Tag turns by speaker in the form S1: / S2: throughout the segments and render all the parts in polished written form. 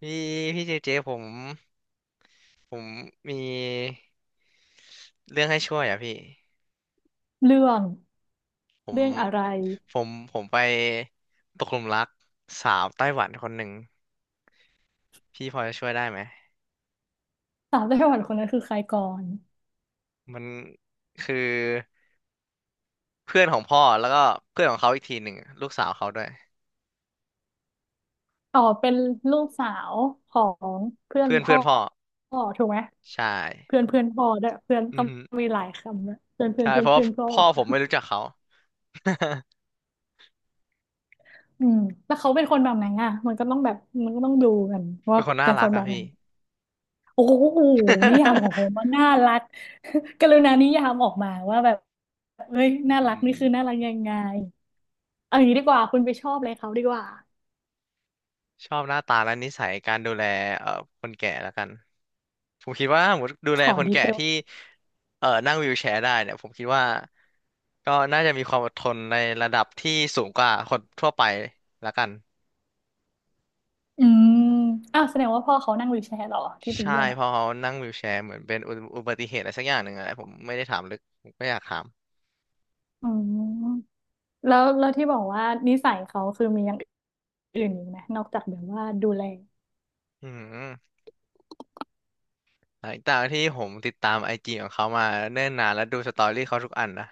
S1: พี่เจเจผมผมมีเรื่องให้ช่วยอ่ะพี่
S2: เรื่อง
S1: ผม
S2: อะไร
S1: ผมไปตกหลุมรักสาวไต้หวันคนหนึ่งพี่พอจะช่วยได้ไหม
S2: สาวไต้หวันคนนั้นคือใครก่อน
S1: มันคือเพื่อนของพ่อแล้วก็เพื่อนของเขาอีกทีหนึ่งลูกสาวเขาด้วย
S2: อ๋อเป็นลูกสาวของเพื่อน
S1: เพื่อน
S2: พ่
S1: เพื่
S2: อ
S1: อนพ่อ
S2: พ่อถูกไหม
S1: ใช่
S2: เพื่อนเพื่อนพ่อด้วยเพื่อน
S1: อื
S2: ต้
S1: อ
S2: อง
S1: ฮึ
S2: มีหลายคำนะเพื่อนเพื่อน
S1: ใช่
S2: เพื่อ
S1: เพ
S2: น
S1: ราะว่า
S2: เพื่อนพ่อ
S1: พ่อผมไม่รู้จักเขา
S2: อืมแล้วเขาเป็นคนแบบไหนอ่ะมันก็ต้องแบบมันก็ต้องดูกันว่า
S1: เป็นคนน่า
S2: เป็นค
S1: รัก
S2: นแบ
S1: อะ
S2: บไหน
S1: พี่
S2: โอ้โหนิยามของ ผมมันน่ารัก กรุณานิยามออกมาว่าแบบเฮ้ย
S1: อื
S2: น่ารักนี่
S1: ม
S2: คือน่ารักยังไงเอาอย่างนี้ดีกว่าคุณไปชอบอะไรเขาดีกว่า
S1: ชอบหน้าตาและนิสัยการดูแลเอ่อคนแก่แล้วกันผมคิดว่าถ้าสมมติดู
S2: ข
S1: แล
S2: อ
S1: คน
S2: ดี
S1: แก่
S2: เทล
S1: ที่นั่งวีลแชร์ได้เนี่ยผมคิดว่าก็น่าจะมีความอดทนในระดับที่สูงกว่าคนทั่วไปแล้วกัน
S2: อืม อ้าวแสดงว่าพ่อเขานั่งวีลแชร์เหรอที่ไป
S1: ใช่
S2: เยี่ยม
S1: เพ
S2: อ่ะ
S1: ราะเขานั่งวีลแชร์เหมือนเป็นอุบัติเหตุอะไรสักอย่างหนึ่งอะไรผมไม่ได้ถามลึกผมก็อยากถาม
S2: อืมแล้วแล้วที่บอกว่านิสัยเขาคือมีอย่างอื่นอีกไหมนอกจากแบบว่าดูแล
S1: อืมหลังจากที่ผมติดตามไอจีของเขามาเนิ่นนานและดูสตอรี่เขาทุกอันนะ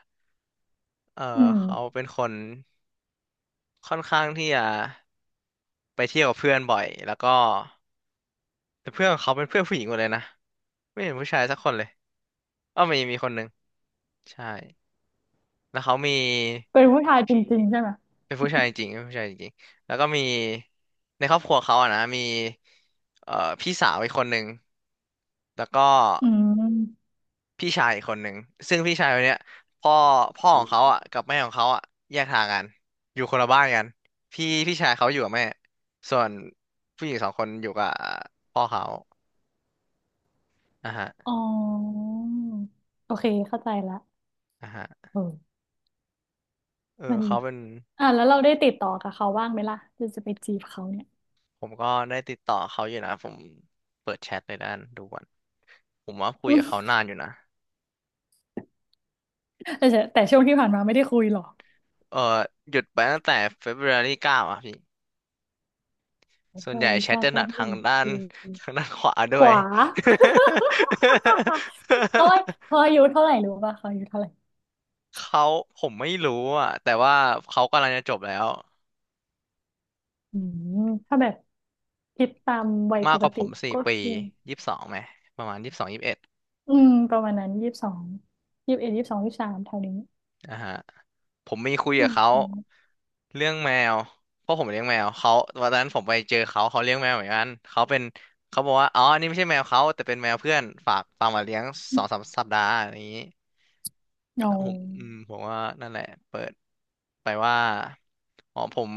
S1: เออ
S2: อืม
S1: เขาเป็นคนค่อนข้างที่จะ ไปเที่ยวกับเพื่อนบ่อยแล้วก็แต่เพื่อนของเขาเป็นเพื่อนผู้หญิงหมดเลยนะ ไม่เห็นผู้ชายสักคนเลยอ้อมีคนหนึ่งใช่แล้วเขามี
S2: เป็นผู้ชายจริงๆใช่ไหม
S1: เป็นผู้ชายจริงเป็นผู้ชายจริงแล้วก็มีในครอบครัวเขาอะนะมีเอ่อพี่สาวอีกคนหนึ่งแล้วก็
S2: อืม
S1: พี่ชายอีกคนหนึ่งซึ่งพี่ชายคนเนี้ยพ่อพ่อของเขาอะกับแม่ของเขาอะแยกทางกันอยู่คนละบ้านกันพี่ชายเขาอยู่กับแม่ส่วนผู้หญิงสองคนอยู่กับพ่อเขาอ่ะฮะ
S2: อ๋อโอเคเข้าใจละ
S1: อ่ะฮะ
S2: เออ
S1: เออ
S2: มัน
S1: เขาเป็น
S2: อ่ะแล้วเราได้ติดต่อกับเขาบ้างไหมล่ะจะจะไปจีบเขาเนี่ย
S1: ผมก็ได้ติดต่อเขาอยู่นะผมเปิดแชทในด้านดูก่อนผมว่าคุยกับเขานานอยู่นะ
S2: แต่จะแต่ช่วงที่ผ่านมาไม่ได้คุยหรอก
S1: เออหยุดไปตั้งแต่ February 9อารีเก้าอ่ะพี่ส่
S2: บ
S1: วน
S2: ร o
S1: ใหญ่แชท
S2: การ
S1: จะ
S2: แฟ
S1: หนัก
S2: นเพ
S1: ทาง
S2: จ
S1: ด้าน ทางด้านขวา
S2: ข
S1: ด้วย
S2: วา โอ้ยพออายุเท่าไหร่รู้ป่ะพออายุเท่าไหร่
S1: เขาผมไม่รู้อ่ะแต่ว่าเขากำลังจะจบแล้ว
S2: อืมถ้าแบบคิดตามวัยป
S1: มากก
S2: ก
S1: ว่าผ
S2: ติ
S1: มสี่
S2: ก็
S1: ปี
S2: คือ
S1: ยี่สิบสองไหมประมาณยี่สิบสองยี่สิบเอ็ด
S2: อืมประมาณนั้นยี่สิบสองยี่สิบเอ็ดยี่สิบสองยี่สิบสามแถวนี้
S1: อ่าฮะผมมีคุย
S2: อื
S1: กับเขา
S2: ม
S1: เรื่องแมวเพราะผมเลี้ยงแมวเขาวันนั้นผมไปเจอเขาเขาเลี้ยงแมวเหมือนกันเขาเป็นเขาบอกว่าอ๋ออันนี่ไม่ใช่แมวเขาแต่เป็นแมวเพื่อนฝากมาเลี้ยงสองสามสัปดาห์อะไรอย่างนี้
S2: โอ้
S1: แล้วผมอืมผมว่านั่นแหละเปิดไปว่าอ๋อผม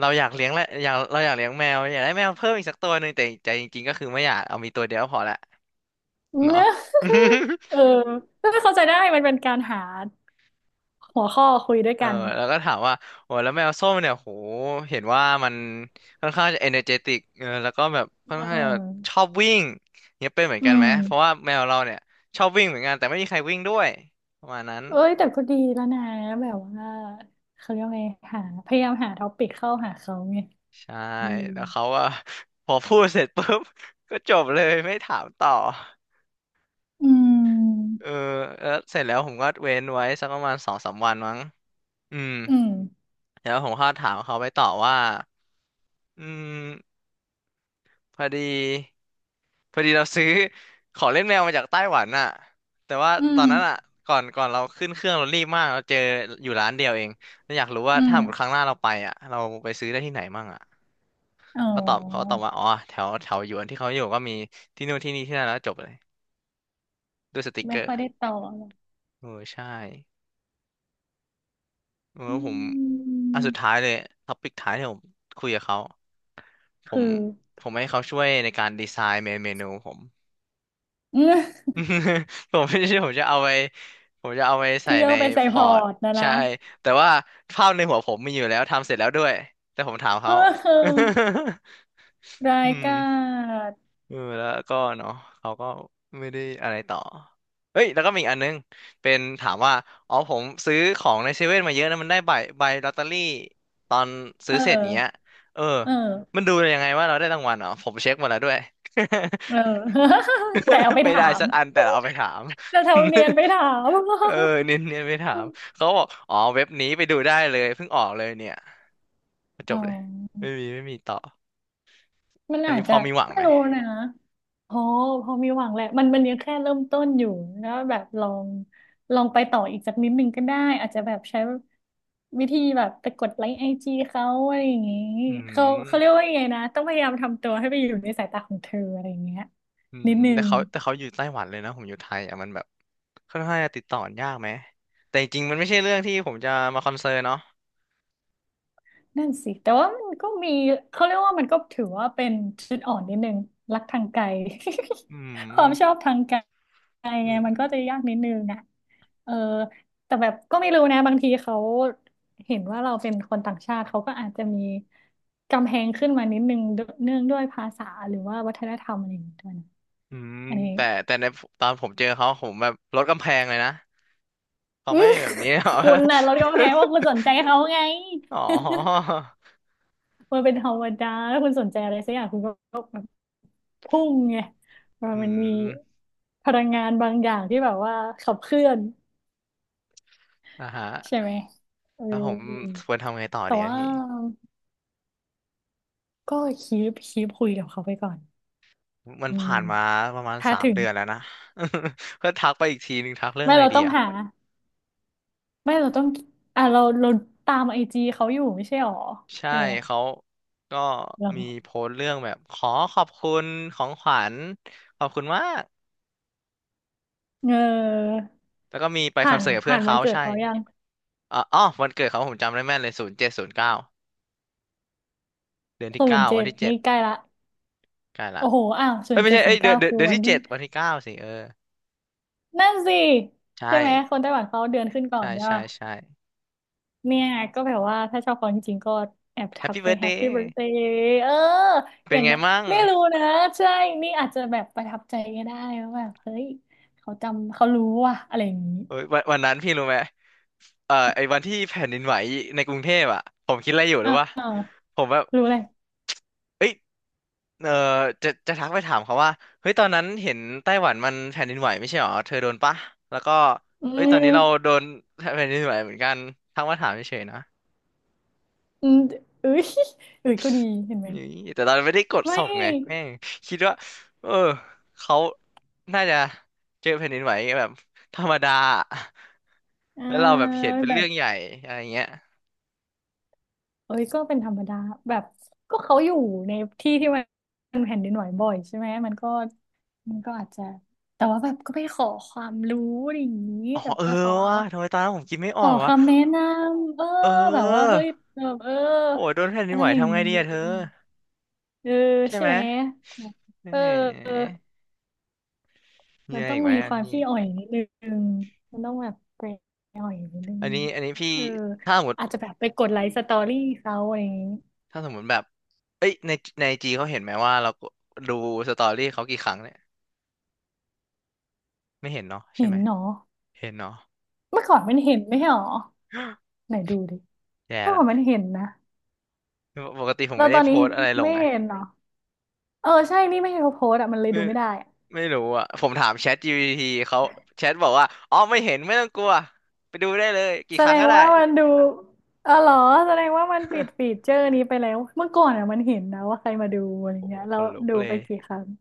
S1: เราอยากเลี้ยงและอยากเราอยากเลี้ยงแมวอยากได้แมวเพิ่มอีกสักตัวหนึ่งแต่ใจจริงๆก็คือไม่อยากเอามีตัวเดียวกพอละเนาะ
S2: เนี่ย เอ อไมเข้าใจได้มันเป็นการหาหัวข้อคุยด้วย
S1: เออ
S2: กัน
S1: แล้วก็ถามว่าโอ้แล้วแมวส้มเนี่ยโหเห็นว่ามันค่อนข้างจะเอเนอร์เจติกเออแล้วก็แบบค่อน
S2: อื
S1: ข้างจะชอ
S2: ม
S1: บวิ่งเนี่ยเป็นเหมือน
S2: อื
S1: กันไหม
S2: ม
S1: เพราะว่าแมวเราเนี่ยชอบวิ่งเหมือนกันแต่ไม่มีใครวิ่งด้วยประมาณนั้น
S2: เอ้ยแต่ก็ดีแล้วนะแบบว่าเขาเรียกว่าไงหาพยายามหาท็อปิกเข้าหาเขาไง
S1: ใช่
S2: อืม
S1: แล้วเขาก็ พอพูดเสร็จปุ๊บ ก็จบเลยไม่ถามต่อ
S2: อืม
S1: เออแล้วเสร็จแล้วผมก็เว้นไว้สักประมาณสองสามวันมั้งอืม
S2: อืม
S1: แล้วผมก็ถามเขาไปต่อว่าอืม พอดีพอดีเราซื้อ ของเล่นแมวมาจากไต้หวันน่ะแต่ว่า
S2: อื
S1: ตอ
S2: ม
S1: นนั้นอ่ะก่อนเราขึ้นเครื่องเรารีบมากเราเจออยู่ร้านเดียวเองเราอยากรู้ว่า
S2: อื
S1: ถ้า
S2: ม
S1: หมดครั้งหน้าเราไปอ่ะเราไปซื้อได้ที่ไหนมั่งอ่ะ
S2: อ๋
S1: เขาต
S2: อ
S1: อบว่าอ๋อแถวแถวหยวนที่เขาอยู่ก็มีที่นู่นที่นี่ที่นั่นแล้วจบเลยด้วยสติกเก
S2: ไม่
S1: อ
S2: ค่อ
S1: ร์
S2: ยได้ต่อหรอก
S1: เออใช่เออ
S2: อื
S1: ผมอันสุดท้า
S2: ม
S1: ยเลยท็อปิกท้ายที่ผมคุยกับเขาผ
S2: คือ
S1: มผมให้เขาช่วยในการดีไซน์เมนูผม
S2: เอืม
S1: ผมไม่ใช่ผมจะเอาไปผมจะเอาไป ใส่
S2: เที่ยว
S1: ใน
S2: ไปใส่
S1: พ
S2: พ
S1: อ
S2: อ
S1: ร์ต
S2: ร์ตนะนะ
S1: ใช่แต่ว่าภาพในหัวผมมีอยู่แล้วทำเสร็จแล้วด้วยแต่ผมถามเขา
S2: เออ รา
S1: อื
S2: ย
S1: ม
S2: การ
S1: เออแล้วก็เนาะเขาก็ไม่ได้อะไรต่อเอ้ยแล้วก็มีอีกอันนึงเป็นถามว่าอ๋อผมซื้อของในเซเว่นมาเยอะนะมันได้ใบใบลอตเตอรี่ตอนซื้
S2: เอ
S1: อเสร็จเนี้ย
S2: อ
S1: เออ
S2: เอ
S1: มั
S2: อ
S1: นดูยังไงว่าเราได้รางวัลเหรอผมเช็คหมดแล้วด้วย
S2: เอ อ แต่เอาไป
S1: ไม่
S2: ถา
S1: ได้
S2: ม
S1: สักอันแต่เราเอาไปถาม
S2: จะทำเนี ยนไปถาม
S1: เออเนียนไปถาม เขาบอกอ๋อเว็บนี้ไปดูได้เลยเพิ่งออกเลยเนี่ยจ
S2: อ๋
S1: บเลย
S2: อ
S1: ไม่มีต่อ
S2: มัน
S1: อัน
S2: อาจ
S1: นี้พ
S2: จะ
S1: อมีหวัง
S2: ไม่
S1: ไหม
S2: รู้นะพอพอมีหวังแหละมันยังแค่เริ่มต้นอยู่แล้วแบบลองลองไปต่ออีกสักนิดนึงก็ได้อาจจะแบบใช้วิธีแบบไปกดไลค์ไอจีเขาอะไรอย่างงี้
S1: อื
S2: เขาเรียก
S1: ม
S2: ว่ายังไงนะต้องพยายามทำตัวให้ไปอยู่ในสายตาของเธออะไรอย่างเงี้ย
S1: อืม
S2: นิดนึง
S1: แต่เขาอยู่ไต้หวันเลยนะผมอยู่ไทยอ่ะมันแบบค่อนข้างจะติดต่อยากไหมแต่จริงๆมันไม่ใช่เรื่องที่ผมจะมาคอนเซิร์นเนาะ
S2: นั่นสิแต่ว่ามันก็มีเขาเรียกว่ามันก็ถือว่าเป็นจุดอ่อนนิดนึงรักทางไกล
S1: อื
S2: ความชอ
S1: ม
S2: บทางไกลไง
S1: อื
S2: มันก็
S1: ม
S2: จะยากนิดนึงนะเออแต่แบบก็ไม่รู้นะบางทีเขาเห็นว่าเราเป็นคนต่างชาติเขาก็อาจจะมีกำแพงขึ้นมานิดนึงวเนื่องด้วยภาษาหรือว่าวัฒนธรรมอะไรอย่างเงี้ยด้วยนะ
S1: อืม
S2: อันนี้
S1: แต่ในตอนผมเจอเขาผมแบบลดกำแพงเลยนะ เขา
S2: อื
S1: ไม่
S2: ม
S1: มีแบบนี้หรอ
S2: คุณน่ะเรากำแพงว่าคุณสนใจเขาไง
S1: อ๋อ
S2: มันเป็นธรรมดาถ้าคุณสนใจอะไรสักอย่างคุณก็ พุ่งไงมัน
S1: อื
S2: มันมี
S1: ม
S2: พลังงานบางอย่างที่แบบว่าขับเคลื่อน
S1: อ่าฮะ
S2: ใช่ไหมเอ
S1: แล้วผม
S2: อ
S1: ควรทำไงต่อ
S2: แต่
S1: เนี่ย
S2: ว่า
S1: พี่
S2: ก็คีปคุยกับเขาไปก่อน
S1: มัน
S2: อืม
S1: ผ่านมาประมาณ
S2: ถ้า
S1: สาม
S2: ถึง
S1: เดือนแล้วนะ ก็ทักไปอีกทีหนึ่งทักเรื่อง
S2: ไม่
S1: อะไร
S2: เรา
S1: ดี
S2: ต้อง
S1: อะ
S2: หาไม่เราต้องอ่ะเราตามไอจีเขาอยู่ไม่ใช่หรอ
S1: ใช่
S2: ใช่ไหม
S1: เขาก็
S2: เหรา
S1: มีโพสต์เรื่องแบบขอขอบคุณของขวัญขอบคุณมาก
S2: เออ
S1: แล้วก็มีไปค
S2: ผ่า
S1: อน
S2: น
S1: เสิร์ตกับเพื่อ
S2: ผ่า
S1: น
S2: นวั
S1: เขา
S2: นเกิด
S1: ใช่
S2: เขายัง
S1: อ๋อออวันเกิดเขาผมจำได้แม่นเลย07/09เดือนที่
S2: ศูน
S1: เก้า
S2: ย์เจ็
S1: วัน
S2: ด
S1: ที่เจ็ด
S2: นี่ใกล้ละ
S1: ใกล้ละ
S2: โอ้โหอ้าวศู
S1: เอ้
S2: น
S1: ย
S2: ย์
S1: ไม่
S2: เจ็ด
S1: ใช่
S2: ศู
S1: เอ้
S2: น
S1: ย
S2: ย์เก้าคือ
S1: เดือน
S2: วัน
S1: ที่
S2: ที่
S1: เจ็ดวันที่เก้าสิเออ
S2: นั่นสิ
S1: ใช่
S2: ใช่ไหมคนไต้หวันเขาเดือนขึ้นก่อน
S1: ใช่
S2: ใช่
S1: ใช่
S2: ป่ะ
S1: ใช่
S2: เนี่ยก็แบบว่าถ้าชอบเขาจริงๆก็แอบ
S1: แฮป
S2: ทัก
S1: ปี้
S2: ไป
S1: เบิร์ด
S2: แฮ
S1: เด
S2: ปปี้
S1: ย์
S2: เบิร์ a เดย์เอออ
S1: เป็น
S2: ย่าง
S1: ไง
S2: นะ
S1: มั่ง
S2: ไม่รู้นะใช่นี่อาจจะแบบประทับใจก็ได้ว่าแบบเฮ้ยเขาจำเขารู้ว่ะอะไรอย่างนี้
S1: เอ้ยวันนั้นพี่รู้ไหม ไอ้วันที่แผ่นดินไหวในกรุงเทพอ่ะผมคิดอะไรอยู่หรื
S2: อ่
S1: อวะ
S2: า
S1: ผมแบบ
S2: รู้เลย
S1: เอ้ยเออจะทักไปถามเขาว่าเฮ้ยตอนนั้นเห็นไต้หวันมันแผ่นดินไหวไม่ใช่หรอเธอโดนปะแล้วก็
S2: อื
S1: เอ้ยตอนนี้เราโด
S2: ม
S1: นแผ่นดินไหวเหมือนกันทักมาถามเฉยๆนะ
S2: อืมเอ้ยเอ้ยก็ดีเห็นไหม
S1: นี่แต่ตอนไม่ได้กด
S2: ไม่
S1: ส่งไงแม่งคิดว่าเออเขาน่าจะเจอแผ่นดินไหวแบบธรรมดา
S2: เออ
S1: แล้วเราแบบเห็นเป็น
S2: แบ
S1: เรื่
S2: บ
S1: องใหญ่อะไรเงี้ย
S2: เอ้ยก็เป็นธรรมดาแบบก็เขาอยู่ในที่ที่มันแผ่นดินไหวบ่อยใช่ไหมมันก็อาจจะแต่ว่าแบบก็ไปขอความรู้อะไรอย่างนี้
S1: อ๋อ
S2: แบบ
S1: เออ
S2: ไปขอ
S1: วะทำไมตอนนั้นผมคิดไม่อ
S2: ข
S1: อ
S2: อ
S1: กวะ
S2: คำแนะนำเออ
S1: เอ
S2: แบบว่า
S1: อ
S2: เฮ้ยแบบเออ
S1: โหโดนแผ่นดิ
S2: อะ
S1: น
S2: ไร
S1: ไหว
S2: อย่าง
S1: ทำไง
S2: นี้
S1: ดีอะเธอ
S2: เออ
S1: ใช่
S2: ใช่
S1: ไหม
S2: ไหมแบบ
S1: เ
S2: เออ
S1: ออมี
S2: มัน
S1: อะไร
S2: ต้อง
S1: อีกไหม
S2: มี
S1: อะ
S2: ความ
S1: พี่
S2: ขี้อ่อยนิดนึงมันต้องแบบไปอ่อยนิดนึง
S1: อันนี้พี่
S2: เออ
S1: ถ้าสมมติ
S2: อาจจะแบบไปกดไลค์สตอรี่เขาอะไรอย่างนี้
S1: ถ้าสมมติแบบเอ้ยในจีเขาเห็นไหมว่าเราดูสตอรี่เขากี่ครั้งเนี่ยไม่เห็นเนาะใช่
S2: เห็
S1: ไห
S2: น
S1: ม
S2: เนาะ
S1: เห็นเนาะ
S2: เมื่อก่อนมันเห็นไม่ใช่หรอไหนดูดิ
S1: แย่
S2: เมื่อก่อนมัน
S1: ละ
S2: เห็นนะ
S1: ปกติผม
S2: แล้ว
S1: ไม่
S2: ต
S1: ได้
S2: อน
S1: โพ
S2: นี้
S1: สต์อะไรลง
S2: ไม่
S1: ไง
S2: เห็นเหรอเออใช่นี่ไม่เห็นเขาโพสต์อะมันเลย
S1: ไม่
S2: ดูไม่ได้อะ
S1: ไม่รู้อะผมถามแชทGPTเขาแชทบอกว่าอ๋อไม่เห็นไม่ต้องกลัวไปดูได้เลยกี่
S2: แส
S1: ค
S2: ด
S1: รั้ง
S2: ง
S1: ก็ได้
S2: ว่ามันดูเออเหรอแสดงว่ามันปิดฟี เจอร์นี้ไปแล้วเมื่อก่อนอะมันเห็นนะว่าใครมาดูอะไร
S1: โอ้โห
S2: เงี้ย
S1: ข
S2: แล้ว
S1: นลุก
S2: ดู
S1: เล
S2: ไป
S1: ย
S2: กี่ครั้ง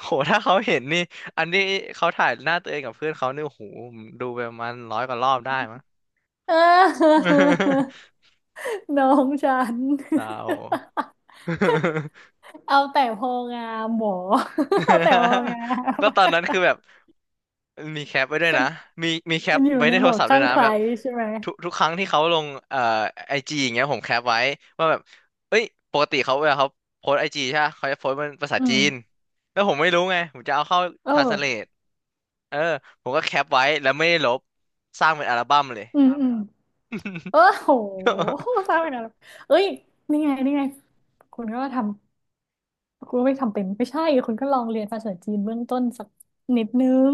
S1: โห ถ้าเขาเห็นนี่ อันนี้เขาถ่ายหน้าตัวเองกับเพื่อนเขาเนี่ยโอ้โหดูไปประมาณ100 กว่ารอบได้มั้ง
S2: เออ น้องฉัน
S1: เศร้า
S2: เอาแต่พองามหมอ เอาแต่พองาม
S1: ก็ตอนนั้นคือแบบมีแคปไว้ด้วยนะ มีแค
S2: มั
S1: ป
S2: นอยู่
S1: ไว้
S2: ใน
S1: ใน
S2: โห
S1: โท
S2: ม
S1: ร
S2: ด
S1: ศัพท์ด้ว
S2: ข้า
S1: ย
S2: ง
S1: นะ
S2: ใคร
S1: แบบ
S2: ใช่ไหม
S1: ทุกครั้งที่เขาลงไอจีอย่างเงี้ยผมแคปไว้ว่าแบบเอ้ยปกติเวลาเขาโพสไอจีใช่ปะเขาจะโพสเป็นภาษา
S2: อื
S1: จี
S2: ม
S1: นแล้วผมไม่รู้ไงผมจะเอาเข้า
S2: เออ
S1: ทรานสเลทเออผมก็แคปไว้แล้วไม่ได้ลบสร้างเป็นอัลบั้มเลย
S2: อืมอืม เออโห สร้างไปนานแล้วเอ้ย นี่ไงนี่ไง คุณก็ทำ คุณก็ไม่ทำเป็นไม่ใช่ คุณก็ลองเรียนภาษาจีนเบื้องต้นสักนิดนึง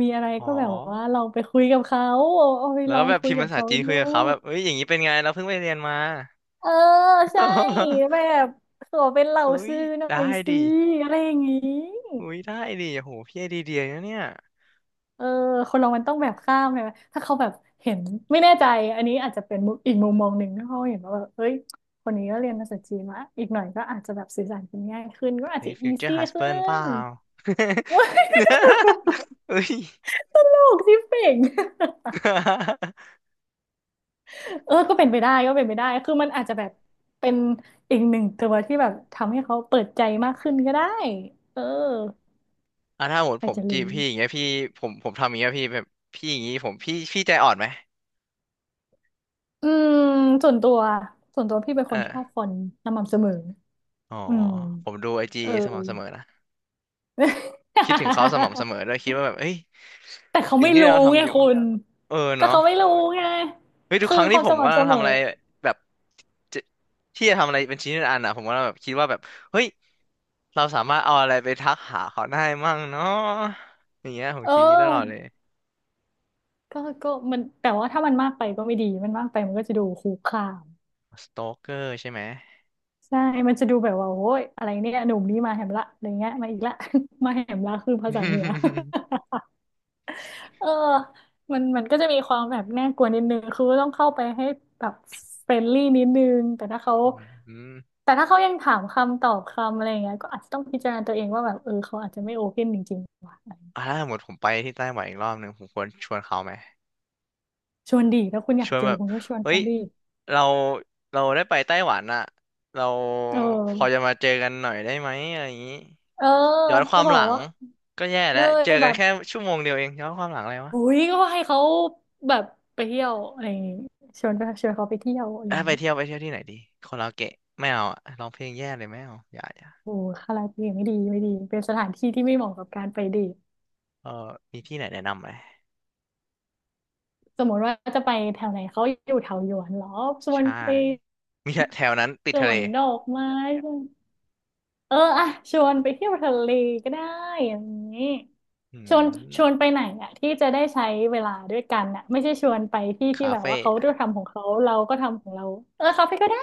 S2: มีอะไร
S1: อ๋
S2: ก็
S1: อ
S2: แบบว่าเราไปคุยกับเขา เอาไป
S1: แล้
S2: ล
S1: ว
S2: อ
S1: ก็
S2: ง
S1: แบบ
S2: คุ
S1: พิ
S2: ย
S1: มพ์
S2: กับ
S1: ภาษา
S2: เขา
S1: จีนคุ
S2: ดู
S1: ยกับเขาแบบเอ้ยอย่างนี้เป็นไงเราเพิ่งไปเรียนมา
S2: เออใช่ แบบขอเป็นเหล่า
S1: เอ้ย
S2: ซื้อหน่อ
S1: ได้
S2: ยสิ
S1: ดิ
S2: อะไรอย่างงี้
S1: อุ้ยได้ดิโอ้โหพี่ไอเดียเดียนะเนี่ย
S2: เออคนเรามันต้องแบบข้ามไงถ้าเขาแบบเห็นไม่แน่ใจอันนี้อาจจะเป็นมุมอีกมุมมองหนึ่งถ้าเขาเห็นว่าแบบเฮ้ยคนนี้ก็เรียนภาษาจีนมาอีกหน่อยก็อาจจะแบบสื่อสารกันง่ายขึ้นก็อาจ
S1: เฮ้ย
S2: จะ
S1: ฟิ
S2: อี
S1: วเจอร์
S2: ซี่
S1: ฮัสเบิ
S2: ขึ้
S1: ร์เปล่า
S2: น โอ๊ย
S1: เฮ้ย
S2: ตลกที่เป่ง เออก็เป็นไปได้ก็เป็นไปได้คือมันอาจจะแบบเป็นอีกหนึ่งตัวที่แบบทำให้เขาเปิดใจมากขึ้นก็ได้เออ
S1: อ่ะถ้าหมด
S2: ใคร
S1: ผม
S2: จะ
S1: จีบ
S2: รู้
S1: พี่อย่างเงี้ยพี่ผมทำอย่างเงี้ยพี่แบบพี่อย่างงี้ผมพี่ใจอ่อนไหม
S2: อืมส่วนตัวส่วนตัวพี่เป็น
S1: เอ
S2: ค
S1: อ
S2: นชอบคนสม่ำเสมอ
S1: อ๋อ
S2: อืม
S1: ผมดูไอจี
S2: เออ
S1: สม่ำเสมอนะคิดถึงเขาสม่ำเส มอด้วยคิดว่าแบบเอ้ย
S2: แต่เขา
S1: สิ่ง
S2: ไม่
S1: ที่
S2: รู้
S1: เรา
S2: ไง
S1: ทำอยู่
S2: คุณ
S1: เออ
S2: ก็
S1: เนาะ
S2: เขาไม่รู้ไง
S1: เฮ้ยทุก
S2: คือ
S1: ครั้ง
S2: ค
S1: ที่
S2: วาม
S1: ผ
S2: ส
S1: มกำ
S2: ม่ำ
S1: ลั
S2: เส
S1: ง
S2: ม
S1: ทำ
S2: อ
S1: อะไรแบบจะที่จะทำอะไรเป็นชิ้นเป็นอันอ่ะผมก็แบบคิดว่าแบบเฮ้ยเราสามารถเอาอะไรไปทักหาเขาได้มั่งเนาะอย่างเงี้ยผม
S2: เอ
S1: คิดอย่างนี้ตลอดเลย
S2: อก็มันแต่ว่าถ้ามันมากไปก็ไม่ดี มันมากไปมันก็จะดูคุกคาม
S1: สโตเกอร์ใช่ไหม
S2: ใช่มันจะดูแบบว่าโอ้ยอะไรเนี่ยหนุ่มนี่มาแหมละอะไรเงี้ยมาอีกละ มาแหมละคือภาษาเหนือ เออมันก็จะมีความแบบน่ากลัวนิดนึง คือต้องเข้าไปให้แบบเฟรนลี่นิดนึง แต่ถ้าเขา
S1: อืม
S2: แต่ถ้าเขายังถามคำตอบคำอะไรอย่างเงี้ยก็อาจจะต้องพิจารณาตัวเองว่าแบบเออเขาอาจจะไม่โอเพนจริงๆว่ะ
S1: อ่าถ้าสมมติผมไปที่ไต้หวันอีกรอบหนึ่งผมควรชวนเขาไหม
S2: ชวนดีถ้าคุณอ
S1: ช
S2: ยาก
S1: วน
S2: เจ
S1: แบ
S2: อ
S1: บ
S2: คุณก็ชวน
S1: เฮ้
S2: เขา
S1: ย
S2: ดี
S1: เราเราได้ไปไต้หวันอ่ะเรา
S2: เอ
S1: พอจะ
S2: อ
S1: มาเจอกันหน่อยได้ไหมอะไรอย่างนี้
S2: เออ
S1: ย้อนค
S2: ก็
S1: วาม
S2: บอ
S1: หลั
S2: ก
S1: ง
S2: ว่า
S1: ก็แย่
S2: เล
S1: แล้ว
S2: ย
S1: เจอกั
S2: แบ
S1: น
S2: บ
S1: แค่ชั่วโมงเดียวเองย้อนความหลังอะไรวะ
S2: อุ้ยก็ให้เขาแบบไปเที่ยวอะไรอย่างงี้ชวนไปชวนเขาไปเที่ยวอะไรอ
S1: เอ้ย
S2: ย่าง
S1: ไป
S2: งี้
S1: เที่ยวไปเที่ยวที่ไหนดีคาราโอเกะไม่เอาอะร้องเพลงแย่เลยไม่เอาอย่าอย่า
S2: โอ้คาราโอเกะไม่ดีไม่ดีเป็นสถานที่ที่ไม่เหมาะกับการไปเดท
S1: เออมีที่ไหนแนะนำไหม
S2: สมมติว่าจะไปแถวไหนเขาอยู่แถวหยวนเหรอชวน
S1: ใช่
S2: ไป
S1: มีแถวนั้นติด
S2: ส
S1: ทะ
S2: ว
S1: เล
S2: นดอกไม้ชวนเอออะชวนไปเที่ยวทะเลก็ได้อย่างนี้
S1: อื
S2: ชวนชวน
S1: ม
S2: ไปไหนอะที่จะได้ใช้เวลาด้วยกันอะไม่ใช่ชวนไปที่ที่
S1: คา
S2: แบบ
S1: เฟ่
S2: ว่าเขา
S1: อะ
S2: ก็ทำของเขาเราก็ทำของเราเออคาเฟ่ก็ได้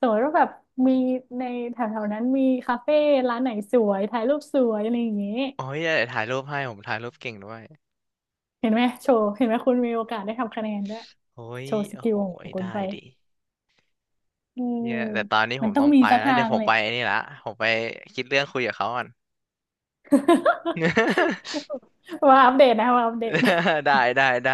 S2: สมมติว่าแบบมีในแถวๆนั้นมีคาเฟ่ร้านไหนสวยถ่ายรูปสวยอะไรอย่างนี้
S1: โอ้ยเดี๋ยวถ่ายรูปให้ผมถ่ายรูปเก่งด้วย
S2: เห็นไหมโชว์เห็นไหมคุณมีโอกาสได้ทำคะแนนด้วย
S1: โอ้ย
S2: โชว์ส
S1: โอ้
S2: กิ
S1: โห
S2: ลของคุณ
S1: ได้
S2: ไป
S1: ดิ
S2: เอื
S1: เนี่
S2: ม
S1: ยแต่ตอนนี้ผ
S2: มัน
S1: ม
S2: ต้อ
S1: ต้อ
S2: ง
S1: ง
S2: มี
S1: ไป
S2: สัก
S1: แล้ว
S2: ทา
S1: เดี๋ยว
S2: ง
S1: ผม
S2: เลย
S1: ไปไอ้นี่ละผมไปคิดเรื่องคุยกับเขาก่อน
S2: มาอัปเดตนะมาอัปเดต
S1: ได้ได้ได้